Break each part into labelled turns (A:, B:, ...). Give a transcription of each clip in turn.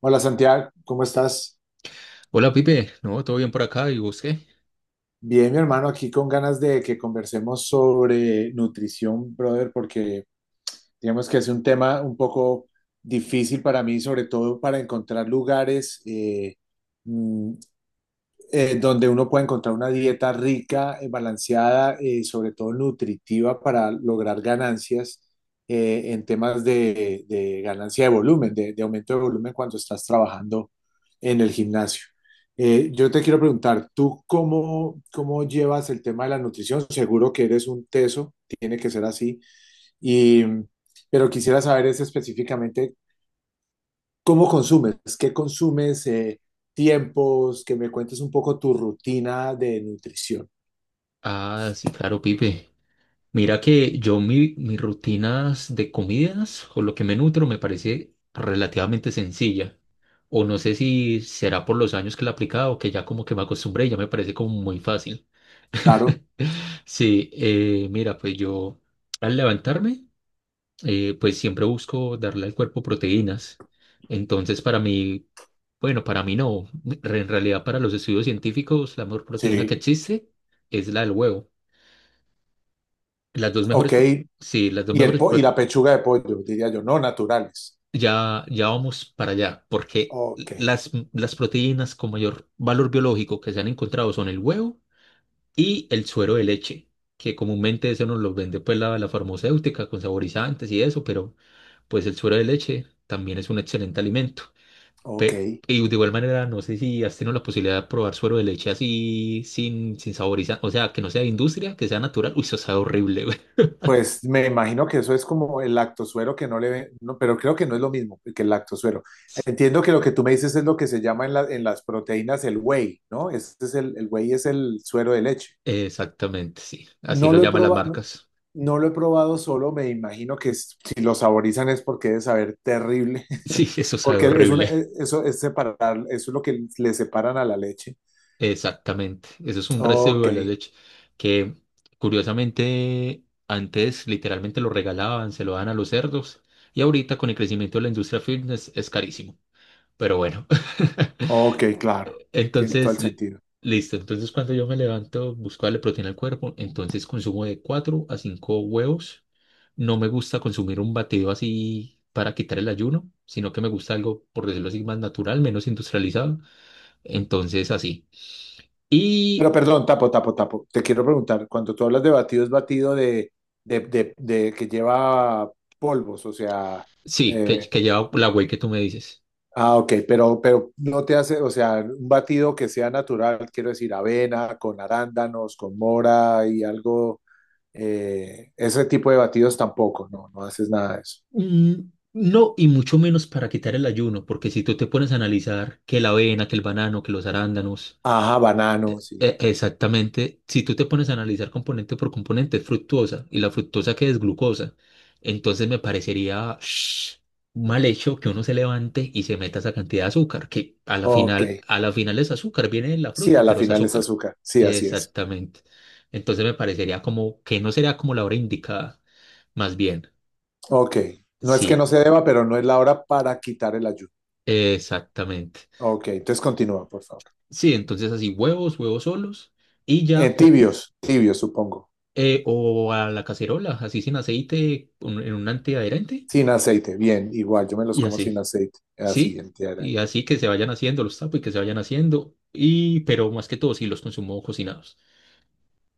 A: Hola Santiago, ¿cómo estás?
B: Hola Pipe, ¿no? ¿Todo bien por acá? ¿Y vos qué?
A: Bien, mi hermano, aquí con ganas de que conversemos sobre nutrición, brother, porque digamos que es un tema un poco difícil para mí, sobre todo para encontrar lugares mm, donde uno puede encontrar una dieta rica, balanceada, sobre todo nutritiva para lograr ganancias en temas de ganancia de volumen, de aumento de volumen cuando estás trabajando en el gimnasio. Yo te quiero preguntar, ¿tú cómo llevas el tema de la nutrición? Seguro que eres un teso, tiene que ser así, y, pero quisiera saber es específicamente, ¿cómo consumes? ¿Qué consumes? Tiempos, que me cuentes un poco tu rutina de nutrición.
B: Ah, sí, claro, Pipe. Mira que yo mis rutinas de comidas o lo que me nutro me parece relativamente sencilla. O no sé si será por los años que la he aplicado, que ya como que me acostumbré y ya me parece como muy fácil.
A: Claro,
B: Sí, mira, pues yo al levantarme, pues siempre busco darle al cuerpo proteínas. Entonces, para mí, bueno, para mí, no. En realidad, para los estudios científicos, la mejor proteína que
A: sí,
B: existe es la del huevo. Las dos mejores,
A: ok.
B: pro-. Sí, las dos
A: Y,
B: mejores,
A: y
B: prote-.
A: la pechuga de pollo, diría yo, no naturales.
B: Ya, ya vamos para allá, porque
A: Ok,
B: las proteínas con mayor valor biológico que se han encontrado son el huevo y el suero de leche, que comúnmente eso nos lo vende pues la farmacéutica con saborizantes y eso, pero pues el suero de leche también es un excelente alimento.
A: ok.
B: Y de igual manera, no sé si has tenido la posibilidad de probar suero de leche así, sin saborizar, o sea, que no sea de industria, que sea natural. Uy, eso sabe horrible, güey.
A: Pues me imagino que eso es como el lactosuero que no le ven, no, pero creo que no es lo mismo que el lactosuero.
B: Sí,
A: Entiendo que lo que tú me dices es lo que se llama en las proteínas el whey, ¿no? Este es el whey es el suero de leche.
B: exactamente, sí. Así
A: No
B: lo
A: lo he
B: llaman las
A: probado, no,
B: marcas.
A: no lo he probado solo, me imagino que es, si lo saborizan es porque debe saber terrible,
B: Sí, eso sabe
A: porque es una,
B: horrible.
A: e, eso es separar, eso es lo que le separan a la leche.
B: Exactamente. Eso es un residuo
A: Ok,
B: de la leche que, curiosamente, antes literalmente lo regalaban, se lo dan a los cerdos y ahorita con el crecimiento de la industria fitness es carísimo. Pero bueno.
A: ok, claro, tiene todo
B: Entonces,
A: el sentido.
B: listo. Entonces, cuando yo me levanto, busco darle proteína al cuerpo. Entonces, consumo de 4 a 5 huevos. No me gusta consumir un batido así para quitar el ayuno, sino que me gusta algo, por decirlo así, más natural, menos industrializado. Entonces, así.
A: Pero
B: Y
A: perdón, tapo, tapo, tapo, te quiero preguntar, cuando tú hablas de batido, ¿es batido de que lleva polvos, o sea,
B: sí, que,
A: eh,
B: que lleva la whey que tú me dices.
A: ah, ok, pero no te hace, o sea, un batido que sea natural, quiero decir, avena, con arándanos, con mora y algo, ese tipo de batidos tampoco, no, no haces nada de eso.
B: Mm, no, y mucho menos para quitar el ayuno, porque si tú te pones a analizar que la avena, que el banano, que los arándanos,
A: Ajá, banano, sí.
B: Exactamente, si tú te pones a analizar componente por componente, es fructuosa y la fructosa que es glucosa, entonces me parecería mal hecho que uno se levante y se meta esa cantidad de azúcar, que
A: Ok,
B: a la final es azúcar, viene de la
A: sí, a
B: fruta,
A: la
B: pero es
A: final es
B: azúcar.
A: azúcar, sí, así es.
B: Exactamente. Entonces me parecería como que no sería como la hora indicada, más bien.
A: Ok, no es que no
B: Sí,
A: se deba, pero no es la hora para quitar el ayuno.
B: exactamente.
A: Ok, entonces continúa, por favor.
B: Sí, entonces así huevos, huevos solos y ya po-.
A: Tibios, tibios, supongo.
B: O a la cacerola, así sin aceite, en un antiadherente,
A: Sin aceite, bien, igual, yo me los
B: y
A: como sin
B: así,
A: aceite, así
B: sí,
A: entera.
B: y así que se vayan haciendo los tapos y que se vayan haciendo, y pero más que todo, sí, los consumo cocinados.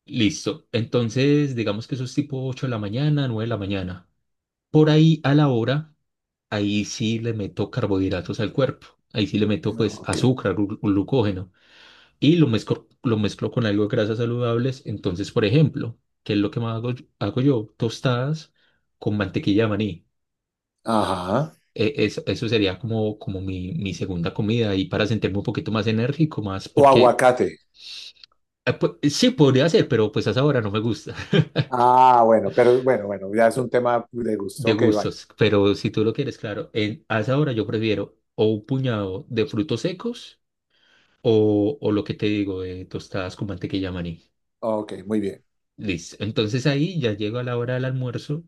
B: Listo, entonces digamos que eso es tipo 8 de la mañana, 9 de la mañana. Por ahí a la hora, ahí sí le meto carbohidratos al cuerpo, ahí sí le meto pues
A: Ok,
B: azúcar, glucógeno. Y lo mezclo con algo de grasas saludables. Entonces, por ejemplo, ¿qué es lo que más hago yo? Tostadas con mantequilla de maní.
A: ajá.
B: Eso sería como, como mi segunda comida y para sentirme un poquito más enérgico, más
A: O
B: porque
A: aguacate.
B: sí podría ser, pero pues a esa hora no me gusta.
A: Ah, bueno, pero bueno, bueno, ya es un tema de gusto.
B: De
A: Ok, vale.
B: gustos. Pero si tú lo quieres, claro, a esa hora yo prefiero o un puñado de frutos secos o lo que te digo, de tostadas con mantequilla de maní.
A: Ok, muy bien.
B: Listo. Entonces ahí ya llego a la hora del almuerzo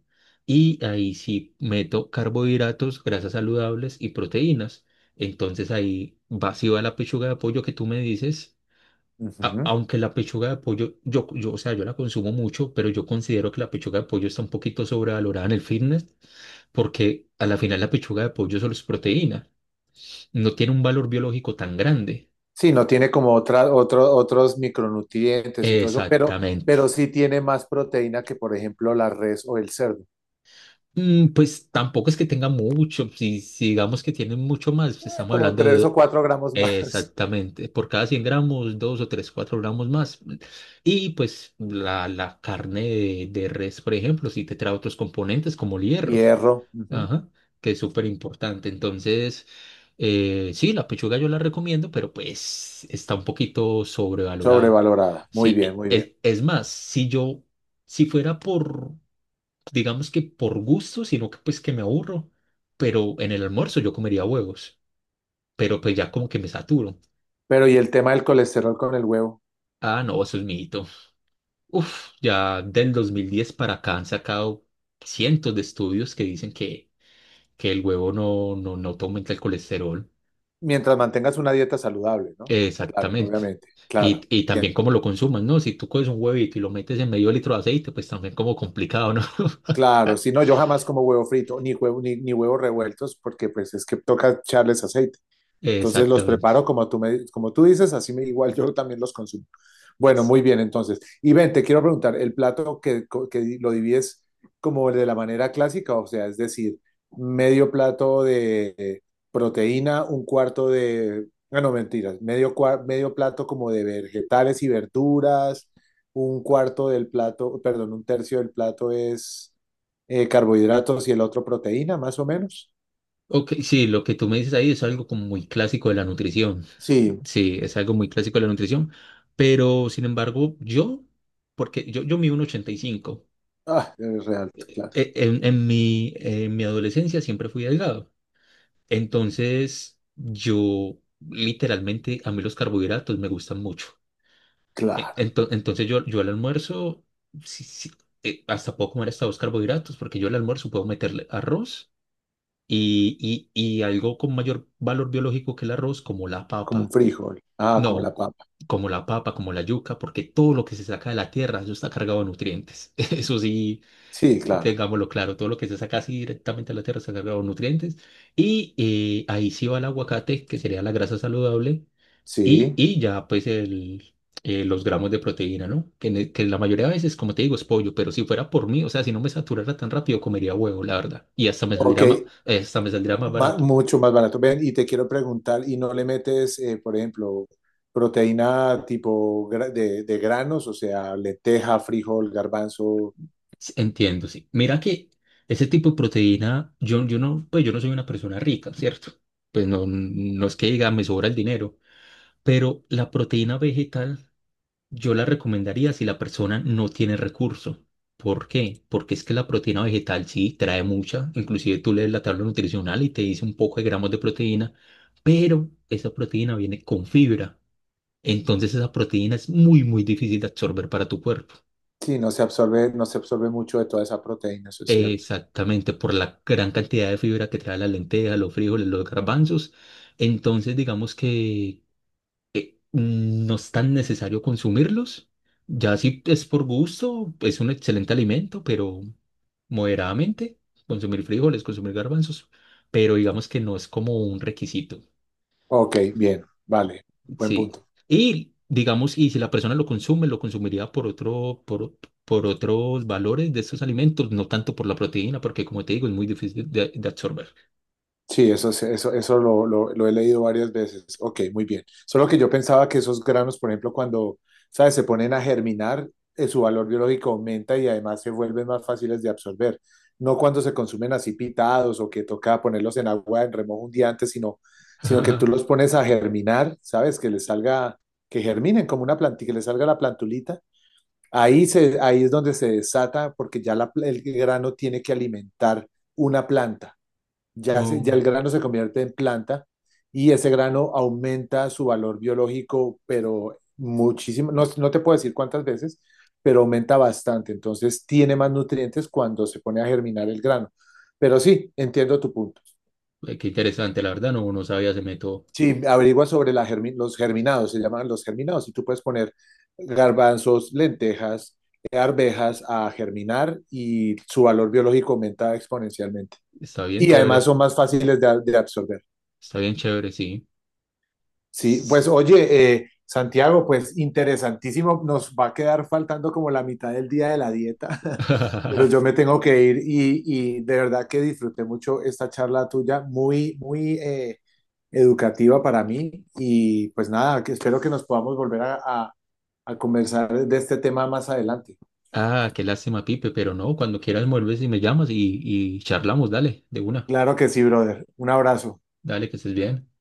B: y ahí sí meto carbohidratos, grasas saludables y proteínas. Entonces ahí va, sí va la pechuga de pollo que tú me dices.
A: Ujú.
B: Aunque la pechuga de pollo, o sea, yo la consumo mucho, pero yo considero que la pechuga de pollo está un poquito sobrevalorada en el fitness porque a la final la pechuga de pollo solo es proteína. No tiene un valor biológico tan grande.
A: Sí, no tiene como otra, otro- otros micronutrientes y todo eso, pero
B: Exactamente.
A: sí tiene más proteína que, por ejemplo, la res o el cerdo.
B: Mm, pues tampoco es que tenga mucho, si digamos que tienen mucho más, pues, estamos
A: Como
B: hablando
A: tres o
B: de,
A: cuatro gramos más.
B: exactamente, por cada 100 gramos, 2 o 3 4 gramos más. Y pues la carne de res, por ejemplo, si te trae otros componentes como el hierro,
A: Hierro, ujú.
B: ajá, que es súper importante. Entonces, sí, la pechuga yo la recomiendo, pero pues está un poquito sobrevalorada.
A: Sobrevalorada. Muy
B: Sí,
A: bien, muy bien.
B: es más, si fuera por, digamos, que por gusto, sino que pues que me aburro, pero en el almuerzo yo comería huevos, pero pues ya como que me saturo.
A: Pero, ¿y el tema del colesterol con el huevo?
B: Ah, no, eso es mito. Uf, ya del 2010 para acá han sacado cientos de estudios que dicen que el huevo no te aumenta el colesterol.
A: Mientras mantengas una dieta saludable, ¿no? Claro,
B: Exactamente.
A: obviamente.
B: Y,
A: Claro.
B: y también
A: Bien.
B: cómo lo consumas, ¿no? Si tú coges un huevito y lo metes en medio litro de aceite, pues también como complicado, ¿no?
A: Claro, si no, yo jamás como huevo frito, ni huevo, ni, ni huevos revueltos, porque pues es que toca echarles aceite. Entonces los preparo
B: Exactamente.
A: como tú, me, como tú dices, así me, igual yo también los consumo. Bueno, muy bien, entonces. Y ven, te quiero preguntar, ¿el plato que lo divides como de la manera clásica? O sea, es decir, medio plato de proteína, un cuarto de... Ah, no, mentiras, medio, cua- medio plato como de vegetales y verduras, un cuarto del plato, perdón, un tercio del plato es carbohidratos y el otro proteína, más o menos.
B: Ok, sí, lo que tú me dices ahí es algo como muy clásico de la nutrición.
A: Sí,
B: Sí, es algo muy clásico de la nutrición, pero sin embargo, yo, porque yo mido un 85,
A: ah, es real, claro,
B: en mi adolescencia siempre fui delgado, entonces yo literalmente a mí los carbohidratos me gustan mucho. E-
A: claro.
B: ento- entonces yo, yo al almuerzo, sí, sí, hasta puedo comer hasta dos carbohidratos, porque yo al almuerzo puedo meterle arroz y, y algo con mayor valor biológico que el arroz, como la
A: Como un
B: papa.
A: frijol. Ah, como
B: No,
A: la papa.
B: como la papa, como la yuca, porque todo lo que se saca de la tierra, eso está cargado de nutrientes. Eso sí,
A: Sí, claro.
B: tengámoslo claro, todo lo que se saca así directamente de la tierra está cargado de nutrientes. Y, ahí sí va el aguacate, que sería la grasa saludable, y,
A: Sí.
B: y ya pues los gramos de proteína, ¿no? Que que la mayoría de veces, como te digo, es pollo, pero si fuera por mí, o sea, si no me saturara tan rápido, comería huevo, la verdad. Y
A: Ok,
B: hasta me saldría más
A: ma-
B: barato.
A: mucho más barato. Ven, y te quiero preguntar, ¿y no le metes, por ejemplo, proteína tipo gra- de granos, o sea, lenteja, frijol, garbanzo?
B: Sí, entiendo, sí. Mira que ese tipo de proteína, yo no, pues yo no soy una persona rica, ¿cierto? Pues no, no es que diga me sobra el dinero, pero la proteína vegetal yo la recomendaría si la persona no tiene recurso. ¿Por qué? Porque es que la proteína vegetal sí trae mucha, inclusive tú lees la tabla nutricional y te dice un poco de gramos de proteína, pero esa proteína viene con fibra. Entonces esa proteína es muy, muy difícil de absorber para tu cuerpo.
A: Sí, no se absorbe, no se absorbe mucho de toda esa proteína, eso es cierto.
B: Exactamente, por la gran cantidad de fibra que trae las lentejas, los frijoles, los garbanzos. Entonces, digamos que, no es tan necesario consumirlos. Ya si es por gusto, es un excelente alimento, pero moderadamente, consumir frijoles, consumir garbanzos, pero digamos que no es como un requisito.
A: Ok, bien, vale, buen
B: Sí.
A: punto.
B: Y digamos, y si la persona lo consume, lo consumiría por otros valores de estos alimentos, no tanto por la proteína, porque como te digo, es muy difícil de absorber.
A: Sí, eso, es- eso lo he leído varias veces. Ok, muy bien. Solo que yo pensaba que esos granos, por ejemplo, cuando, ¿sabes? Se ponen a germinar, su valor biológico aumenta y además se vuelven más fáciles de absorber. No cuando se consumen así pitados o que toca ponerlos en agua en remojo un día antes, sino, sino que tú los pones a germinar, ¿sabes? Que les salga, que germinen como una plantita, que les salga la plantulita. Ahí, se, ahí es donde se desata porque ya la pla- el grano tiene que alimentar una planta ya, se- ya
B: Oh,
A: el grano se convierte en planta y ese grano aumenta su valor biológico, pero muchísimo, no, no te puedo decir cuántas veces, pero aumenta bastante. Entonces tiene más nutrientes cuando se pone a germinar el grano. Pero sí, entiendo tu punto.
B: qué interesante, la verdad, no, no sabía ese método.
A: Sí, averigua sobre la germi- los germinados, se llaman los germinados, y tú puedes poner garbanzos, lentejas, arvejas a germinar y su valor biológico aumenta exponencialmente.
B: Está bien
A: Y además
B: chévere,
A: son más fáciles de absorber.
B: está bien chévere, sí. Sí,
A: Sí,
B: sí.
A: pues oye, Santiago, pues interesantísimo. Nos va a quedar faltando como la mitad del día de la dieta, pero yo me tengo que ir y de verdad que disfruté mucho esta charla tuya, muy, muy educativa para mí. Y pues nada, que espero que nos podamos volver a conversar de este tema más adelante.
B: Ah, qué lástima, Pipe, pero no, cuando quieras vuelves y me llamas y charlamos, dale, de una,
A: Claro que sí, brother. Un abrazo.
B: dale que estés bien.